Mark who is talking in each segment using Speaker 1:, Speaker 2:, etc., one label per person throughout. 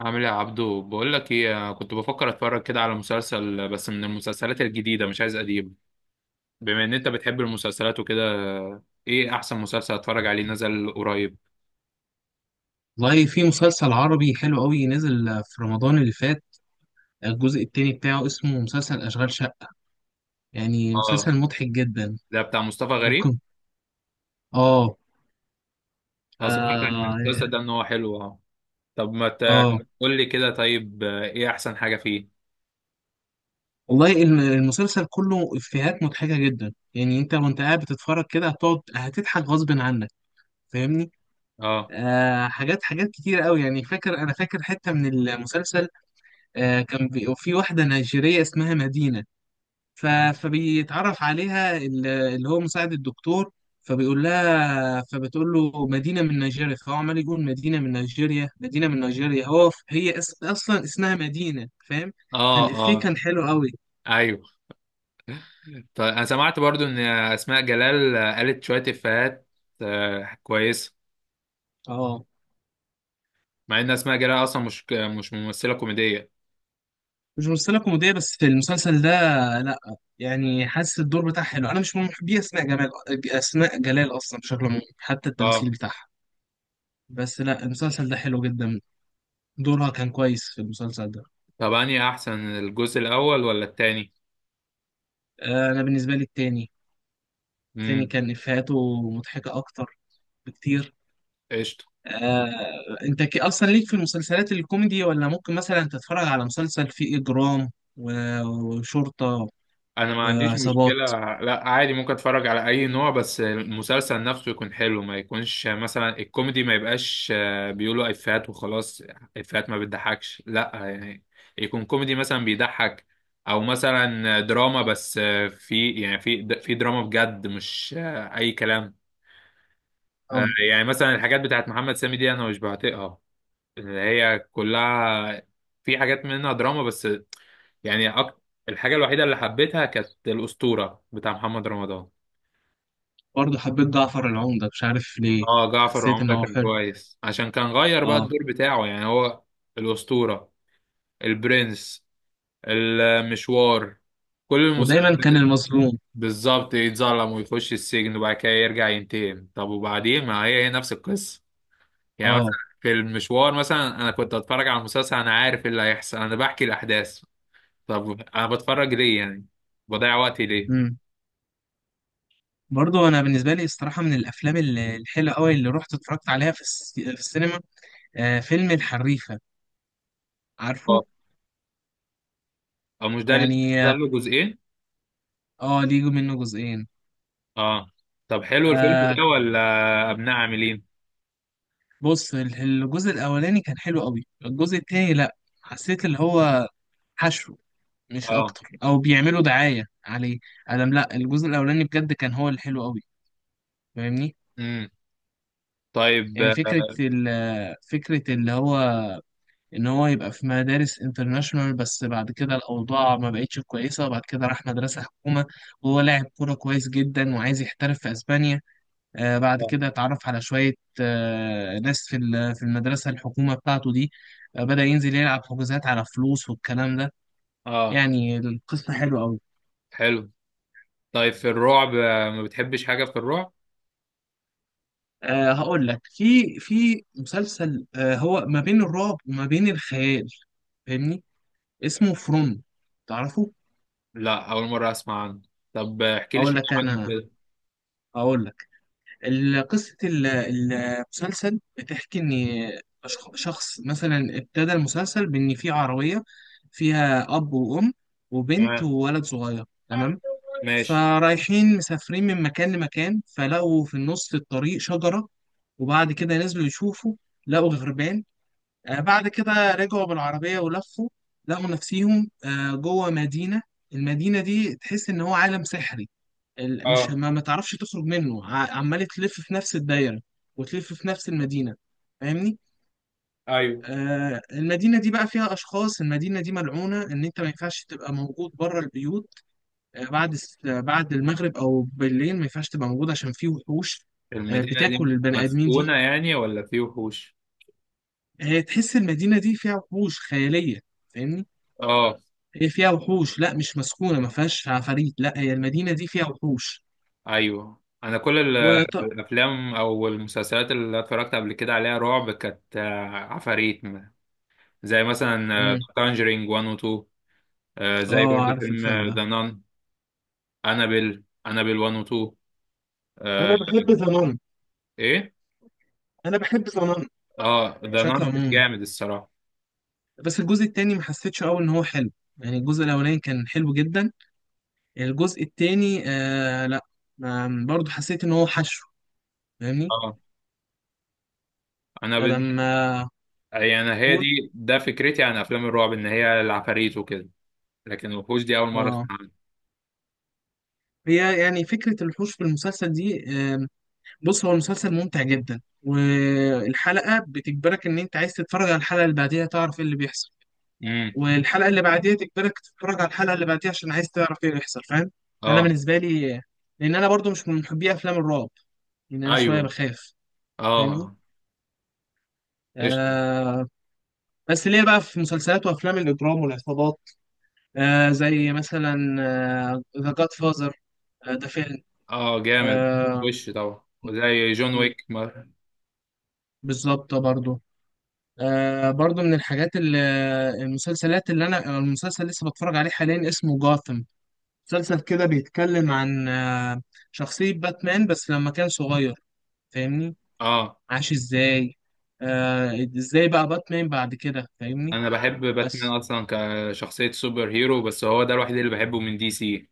Speaker 1: عامل ايه يا عبدو؟ بقول لك ايه، أنا كنت بفكر اتفرج كده على مسلسل، بس من المسلسلات الجديده، مش عايز قديم. بما ان انت بتحب المسلسلات وكده، ايه احسن مسلسل اتفرج عليه نزل قريب؟
Speaker 2: والله في مسلسل عربي حلو قوي نزل في رمضان اللي فات. الجزء التاني بتاعه اسمه مسلسل أشغال شقة. يعني
Speaker 1: اه،
Speaker 2: مسلسل مضحك جدا.
Speaker 1: ده بتاع مصطفى غريب.
Speaker 2: ممكن. اه.
Speaker 1: اه سمعت عن المسلسل
Speaker 2: اه.
Speaker 1: ده ان هو حلو، اه. طب ما
Speaker 2: آه.
Speaker 1: تقول لي كده طيب. ايه احسن حاجه فيه؟
Speaker 2: والله المسلسل كله إفيهات مضحكة جدا، يعني انت وانت قاعد بتتفرج كده هتقعد هتضحك غصب عنك. فاهمني؟
Speaker 1: اه.
Speaker 2: حاجات كتير قوي. يعني فاكر، انا فاكر حتة من المسلسل. كان في واحدة نيجيرية اسمها مدينة. ف... فبيتعرف عليها اللي هو مساعد الدكتور. فبيقول لها فبتقول له مدينة من نيجيريا، فهو عمال يقول مدينة من نيجيريا، مدينة من نيجيريا. هي أصلا اسمها مدينة. فاهم؟
Speaker 1: اه.
Speaker 2: فالإفيه
Speaker 1: اه.
Speaker 2: كان حلو قوي.
Speaker 1: ايوه. طيب انا سمعت برضو ان اسماء جلال قالت شويه افيهات، كويسه.
Speaker 2: اه
Speaker 1: مع ان اسماء جلال اصلا مش ممثله كوميديه.
Speaker 2: مش ممثلة كوميدية بس في المسلسل ده. لا يعني حاسس الدور بتاعها حلو. أنا مش من محبي أسماء جمال، أسماء جلال أصلا بشكل عام حتى التمثيل
Speaker 1: اه.
Speaker 2: بتاعها. بس لا، المسلسل ده حلو جدا. دورها كان كويس في المسلسل ده.
Speaker 1: طب انهي احسن، الجزء الاول ولا التاني؟
Speaker 2: آه، أنا بالنسبة لي التاني. التاني
Speaker 1: امم
Speaker 2: كان إفيهاته مضحكة أكتر بكتير.
Speaker 1: قشطه.
Speaker 2: آه، أنت أصلا ليك في المسلسلات الكوميدي، ولا ممكن مثلا تتفرج على مسلسل فيه إجرام وشرطة
Speaker 1: انا ما عنديش مشكله.
Speaker 2: وعصابات؟
Speaker 1: لا عادي، ممكن اتفرج على اي نوع، بس المسلسل نفسه يكون حلو. ما يكونش مثلا الكوميدي ما يبقاش بيقولوا افيهات وخلاص، افيهات ما بتضحكش، لا يعني. يكون كوميدي مثلا بيضحك، او مثلا دراما، بس في يعني في دراما بجد، مش اي كلام.
Speaker 2: آه،
Speaker 1: يعني مثلا الحاجات بتاعت محمد سامي دي انا مش بعتقها، اللي هي كلها، في حاجات منها دراما بس. يعني أك... الحاجة الوحيدة اللي حبيتها كانت الأسطورة بتاع محمد رمضان.
Speaker 2: برضه حبيت جعفر العمدة مش عارف ليه.
Speaker 1: اه جعفر
Speaker 2: حسيت إن
Speaker 1: العمدة
Speaker 2: هو
Speaker 1: كان
Speaker 2: حلو.
Speaker 1: كويس، عشان كان غير بقى
Speaker 2: أه.
Speaker 1: الدور بتاعه، يعني هو. الأسطورة، البرنس، المشوار، كل
Speaker 2: ودايما كان
Speaker 1: المسلسلات
Speaker 2: المظلوم.
Speaker 1: بالظبط يتظلم ويخش السجن وبعد كده يرجع ينتقم. طب وبعدين، ما هي هي نفس القصة. يعني مثلا
Speaker 2: أه.
Speaker 1: في المشوار مثلا انا كنت اتفرج على المسلسل، انا عارف ايه اللي هيحصل، انا بحكي الاحداث. طب انا بتفرج ليه يعني؟ بضيع وقتي ليه؟
Speaker 2: مم. برضه أنا بالنسبة لي الصراحة من الأفلام الحلوة أوي اللي رحت اتفرجت عليها في، في السينما، آه، فيلم الحريفة. عارفه؟
Speaker 1: اه، او مش ده اللي
Speaker 2: يعني
Speaker 1: نزل له جزئين؟
Speaker 2: اه، ليه منه جزئين.
Speaker 1: اه. طب حلو الفيلم
Speaker 2: آه،
Speaker 1: ده ولا ابناء عاملين؟
Speaker 2: بص الجزء الاولاني كان حلو قوي، الجزء التاني لا. حسيت اللي هو حشو مش
Speaker 1: اه.
Speaker 2: اكتر، او بيعملوا دعاية عليه. ادم لا، الجزء الاولاني بجد كان هو الحلو قوي. فاهمني؟
Speaker 1: امم طيب.
Speaker 2: يعني فكرة فكرة اللي هو إن هو يبقى في مدارس انترناشونال، بس بعد كده الأوضاع ما بقتش كويسة، وبعد كده راح مدرسة حكومة. وهو لاعب كورة كويس جدا وعايز يحترف في أسبانيا. آه، بعد
Speaker 1: اه.
Speaker 2: كده اتعرف على شوية، آه، ناس في في المدرسة الحكومة بتاعته دي. آه، بدأ ينزل يلعب حجوزات على فلوس والكلام ده.
Speaker 1: آه.
Speaker 2: يعني القصة حلوة أوي.
Speaker 1: حلو. طيب في الرعب ما بتحبش حاجة في الرعب؟
Speaker 2: أه هقول لك، في في مسلسل أه هو ما بين الرعب وما بين الخيال. فاهمني؟ اسمه فروم. تعرفه؟
Speaker 1: لا، اول مرة اسمع عنه. طب احكي لي
Speaker 2: أقول
Speaker 1: شوية
Speaker 2: لك
Speaker 1: عنه
Speaker 2: أنا
Speaker 1: كده.
Speaker 2: أقول لك قصة المسلسل بتحكي إن شخص مثلا، ابتدى المسلسل بإن في عربية فيها أب وأم وبنت
Speaker 1: تمام،
Speaker 2: وولد صغير، تمام؟
Speaker 1: ماشي.
Speaker 2: فرايحين مسافرين من مكان لمكان، فلقوا في النص في الطريق شجرة. وبعد كده نزلوا يشوفوا، لقوا غربان. آه، بعد كده رجعوا بالعربية ولفوا، لقوا نفسيهم آه، جوه مدينة. المدينة دي تحس إن هو عالم سحري. مش
Speaker 1: اه.
Speaker 2: ما تعرفش تخرج منه، عمال تلف في نفس الدايرة وتلف في نفس المدينة. فاهمني؟
Speaker 1: ايوه.
Speaker 2: آه، المدينة دي بقى فيها أشخاص، المدينة دي ملعونة إن أنت ما ينفعش تبقى موجود بره البيوت. آه بعد آه، بعد المغرب أو بالليل ما ينفعش تبقى موجود عشان في وحوش. آه
Speaker 1: المدينة دي
Speaker 2: بتاكل البني آدمين
Speaker 1: مسكونة
Speaker 2: دي.
Speaker 1: يعني ولا في وحوش؟
Speaker 2: آه تحس المدينة دي فيها وحوش خيالية. فاهمني؟
Speaker 1: اه.
Speaker 2: هي فيها وحوش، لا مش مسكونة، ما فيهاش عفاريت، لا هي المدينة دي فيها وحوش.
Speaker 1: ايوه انا كل
Speaker 2: وط...
Speaker 1: الافلام او المسلسلات اللي اتفرجت قبل كده عليها رعب كانت عفاريت زي مثلا
Speaker 2: مم.
Speaker 1: كونجرينج 1 و 2، زي
Speaker 2: اه
Speaker 1: برضو
Speaker 2: عارف
Speaker 1: فيلم
Speaker 2: الفيلم ده.
Speaker 1: ذا نان، انابيل انابيل 1 و 2. آه،
Speaker 2: انا بحب ذا،
Speaker 1: ايه؟
Speaker 2: انا بحب ظنن
Speaker 1: اه ذا
Speaker 2: بشكل
Speaker 1: نان
Speaker 2: عمومي.
Speaker 1: جامد الصراحه.
Speaker 2: بس الجزء التاني ما حسيتش قوي ان هو حلو. يعني الجزء الاولاني كان حلو جدا، الجزء التاني آه لا. برضه حسيت ان هو حشو. فاهمني؟
Speaker 1: اه. انا بال...
Speaker 2: لما
Speaker 1: يعني هي
Speaker 2: تقول
Speaker 1: دي، ده فكرتي عن افلام الرعب ان هي العفاريت وكده، لكن الوحوش دي اول مره اسمع
Speaker 2: اه،
Speaker 1: عنها.
Speaker 2: هي يعني فكرة الحوش في المسلسل دي آه. بص هو المسلسل ممتع جدا، والحلقة بتجبرك ان انت عايز تتفرج على الحلقة اللي بعديها تعرف ايه اللي بيحصل.
Speaker 1: امم
Speaker 2: والحلقه اللي بعديها تجبرك تتفرج على الحلقه اللي بعديها عشان عايز تعرف ايه اللي يحصل. فاهم؟ انا
Speaker 1: اه.
Speaker 2: بالنسبه لي، لان انا برضو مش من محبي افلام الرعب، لان انا شويه
Speaker 1: ايوه.
Speaker 2: بخاف. فاهمني؟
Speaker 1: اه. قشطه.
Speaker 2: آه. بس ليه بقى في مسلسلات وافلام الاجرام والعصابات. آه زي مثلا ذا جاد فازر، ده فيلم
Speaker 1: اه جامد.
Speaker 2: آه.
Speaker 1: وش طبعا وزي جون
Speaker 2: م،
Speaker 1: ويك مر.
Speaker 2: بالظبط برضو. آه برضو من الحاجات اللي، المسلسلات اللي انا، المسلسل لسه بتفرج عليه حاليا اسمه جاثم. مسلسل كده بيتكلم عن آه، شخصية باتمان بس لما كان صغير. فاهمني؟
Speaker 1: اه
Speaker 2: عاش ازاي، آه، ازاي بقى باتمان بعد كده. فاهمني؟
Speaker 1: انا بحب باتمان
Speaker 2: بس.
Speaker 1: اصلا كشخصية سوبر هيرو، بس هو ده الوحيد اللي بحبه من دي سي.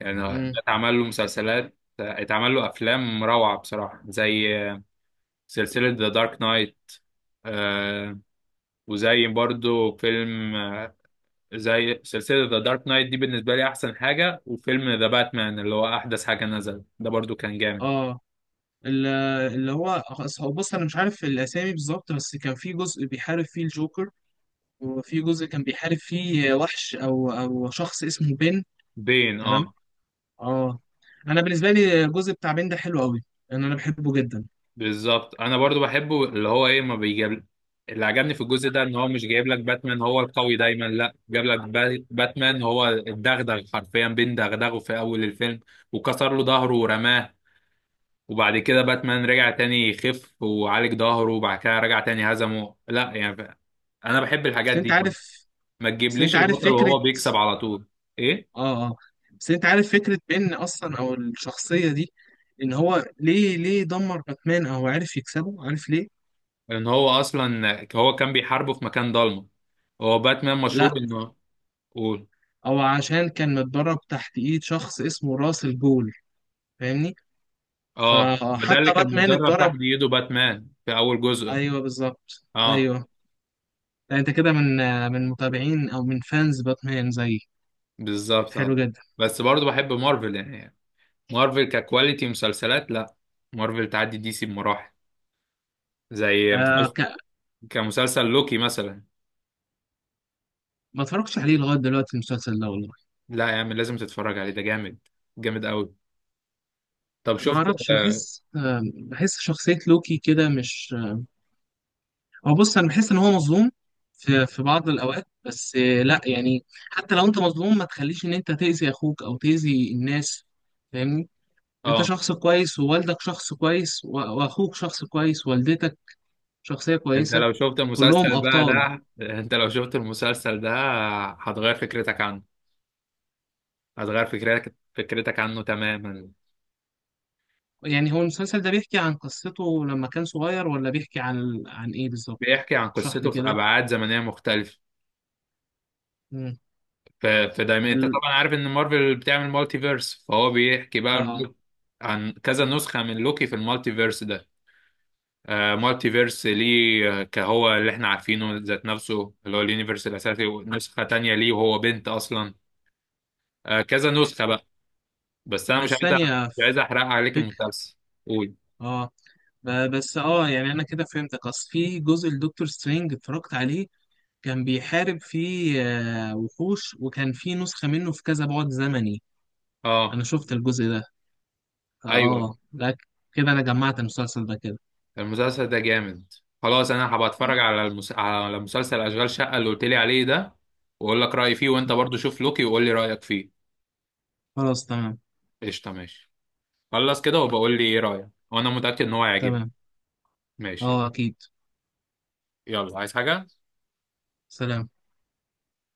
Speaker 1: يعني ده
Speaker 2: مم.
Speaker 1: اتعمل له مسلسلات، اتعمل له افلام روعة بصراحة، زي سلسلة ذا دارك نايت، آه. وزي برضو فيلم زي سلسلة ذا دارك نايت دي بالنسبة لي أحسن حاجة. وفيلم ذا باتمان اللي هو أحدث حاجة نزل، ده برضو كان جامد.
Speaker 2: اه ال- اللي هو هو بص انا مش عارف الاسامي بالظبط، بس كان في جزء بيحارب فيه الجوكر، وفي جزء كان بيحارب فيه وحش او شخص اسمه بين.
Speaker 1: بين،
Speaker 2: تمام.
Speaker 1: اه.
Speaker 2: اه. انا بالنسبه لي الجزء بتاع بين ده حلو قوي، لان انا بحبه جدا.
Speaker 1: بالظبط انا برضو بحبه. اللي هو ايه، ما بيجيب. اللي عجبني في الجزء ده ان هو مش جايب لك باتمان هو القوي دايما، لا جاب لك باتمان هو الدغدغ حرفيا، بين دغدغه في اول الفيلم وكسر له ظهره ورماه. وبعد كده باتمان رجع تاني يخف وعالج ظهره، وبعد كده رجع تاني هزمه. لا يعني انا بحب
Speaker 2: بس
Speaker 1: الحاجات
Speaker 2: انت
Speaker 1: دي،
Speaker 2: عارف
Speaker 1: ما
Speaker 2: بس انت
Speaker 1: تجيبليش
Speaker 2: عارف
Speaker 1: البطل
Speaker 2: فكره.
Speaker 1: وهو بيكسب على طول. ايه؟
Speaker 2: اه اه. بس انت عارف فكرة بين اصلا او الشخصية دي، ان هو ليه دمر باتمان او عرف يكسبه؟ عارف ليه؟
Speaker 1: ان هو اصلا هو كان بيحاربه في مكان ضلمه، هو باتمان
Speaker 2: لا
Speaker 1: مشهور انه. قول.
Speaker 2: او عشان كان متدرب تحت ايد شخص اسمه راس الجول. فاهمني؟
Speaker 1: اه ما ده اللي
Speaker 2: فحتى
Speaker 1: كان
Speaker 2: باتمان
Speaker 1: متدرب تحت
Speaker 2: اتدرب.
Speaker 1: ايده باتمان في اول جزء.
Speaker 2: ايوه بالظبط
Speaker 1: اه.
Speaker 2: ايوه. لا انت كده من، من متابعين او من فانز باتمان زي.
Speaker 1: بالظبط
Speaker 2: حلو
Speaker 1: اه.
Speaker 2: جدا.
Speaker 1: بس برضه بحب مارفل يعني، مارفل ككواليتي مسلسلات لا، مارفل تعدي دي سي بمراحل. زي
Speaker 2: آه
Speaker 1: مسلسل،
Speaker 2: ك...
Speaker 1: كمسلسل لوكي مثلا.
Speaker 2: ما اتفرجتش عليه لغايه دلوقتي المسلسل ده والله.
Speaker 1: لا يا عم لازم تتفرج عليه، ده جامد، جامد قوي. طب
Speaker 2: ما
Speaker 1: شفت؟
Speaker 2: اعرفش،
Speaker 1: اه.
Speaker 2: بحس آه بحس شخصيه لوكي كده مش. هو بص انا بحس ان هو مظلوم في في بعض الاوقات، بس آه، لا يعني حتى لو انت مظلوم ما تخليش ان انت تاذي اخوك او تاذي الناس. فاهمني؟ انت
Speaker 1: آه،
Speaker 2: شخص كويس، ووالدك شخص كويس، واخوك شخص كويس، ووالدتك شخصية
Speaker 1: انت
Speaker 2: كويسة.
Speaker 1: لو شفت
Speaker 2: كلهم
Speaker 1: المسلسل بقى
Speaker 2: ابطال.
Speaker 1: ده، انت لو شفت المسلسل ده هتغير فكرتك عنه، هتغير فكرتك عنه تماما.
Speaker 2: يعني هو المسلسل ده بيحكي عن قصته لما كان صغير، ولا بيحكي عن ايه بالظبط؟
Speaker 1: بيحكي عن
Speaker 2: اشرح لي
Speaker 1: قصته في
Speaker 2: كده.
Speaker 1: أبعاد زمنية مختلفة.
Speaker 2: مم.
Speaker 1: فدايما انت
Speaker 2: ال...
Speaker 1: طبعا عارف ان مارفل بتعمل مالتي فيرس، فهو بيحكي بقى
Speaker 2: اه
Speaker 1: عن كذا نسخة من لوكي في المالتي فيرس ده. آه مالتي فيرس ليه، كهو اللي احنا عارفينه ذات نفسه اللي هو اليونيفرس الاساسي، ونسخة تانية ليه وهو بنت اصلا. آه كذا نسخة بقى. بس انا مش
Speaker 2: بس
Speaker 1: عايز أ-
Speaker 2: ثانية.
Speaker 1: مش عايز احرق عليك
Speaker 2: فكر.
Speaker 1: المسلسل. قول.
Speaker 2: اه، بس اه يعني انا كده فهمتك. اصل في جزء لدكتور سترينج اتفرجت عليه، كان بيحارب فيه آه، وحوش، وكان فيه نسخة منه في كذا بعد زمني.
Speaker 1: اه.
Speaker 2: أنا شفت الجزء ده.
Speaker 1: ايوه.
Speaker 2: اه لا كده أنا جمعت المسلسل ده كده.
Speaker 1: المسلسل ده جامد. خلاص انا هبقى
Speaker 2: م-
Speaker 1: اتفرج على على مسلسل اشغال شقة اللي قلت لي عليه ده، واقول لك رأيي فيه، وانت
Speaker 2: م.
Speaker 1: برضو شوف لوكي وقول لي رأيك فيه.
Speaker 2: خلاص تمام.
Speaker 1: قشطة ماشي. خلص كده وبقول لي ايه رأيك، وانا متأكد ان هو هيعجبك.
Speaker 2: تمام
Speaker 1: ماشي.
Speaker 2: اه أكيد.
Speaker 1: يلا، عايز حاجة؟
Speaker 2: سلام.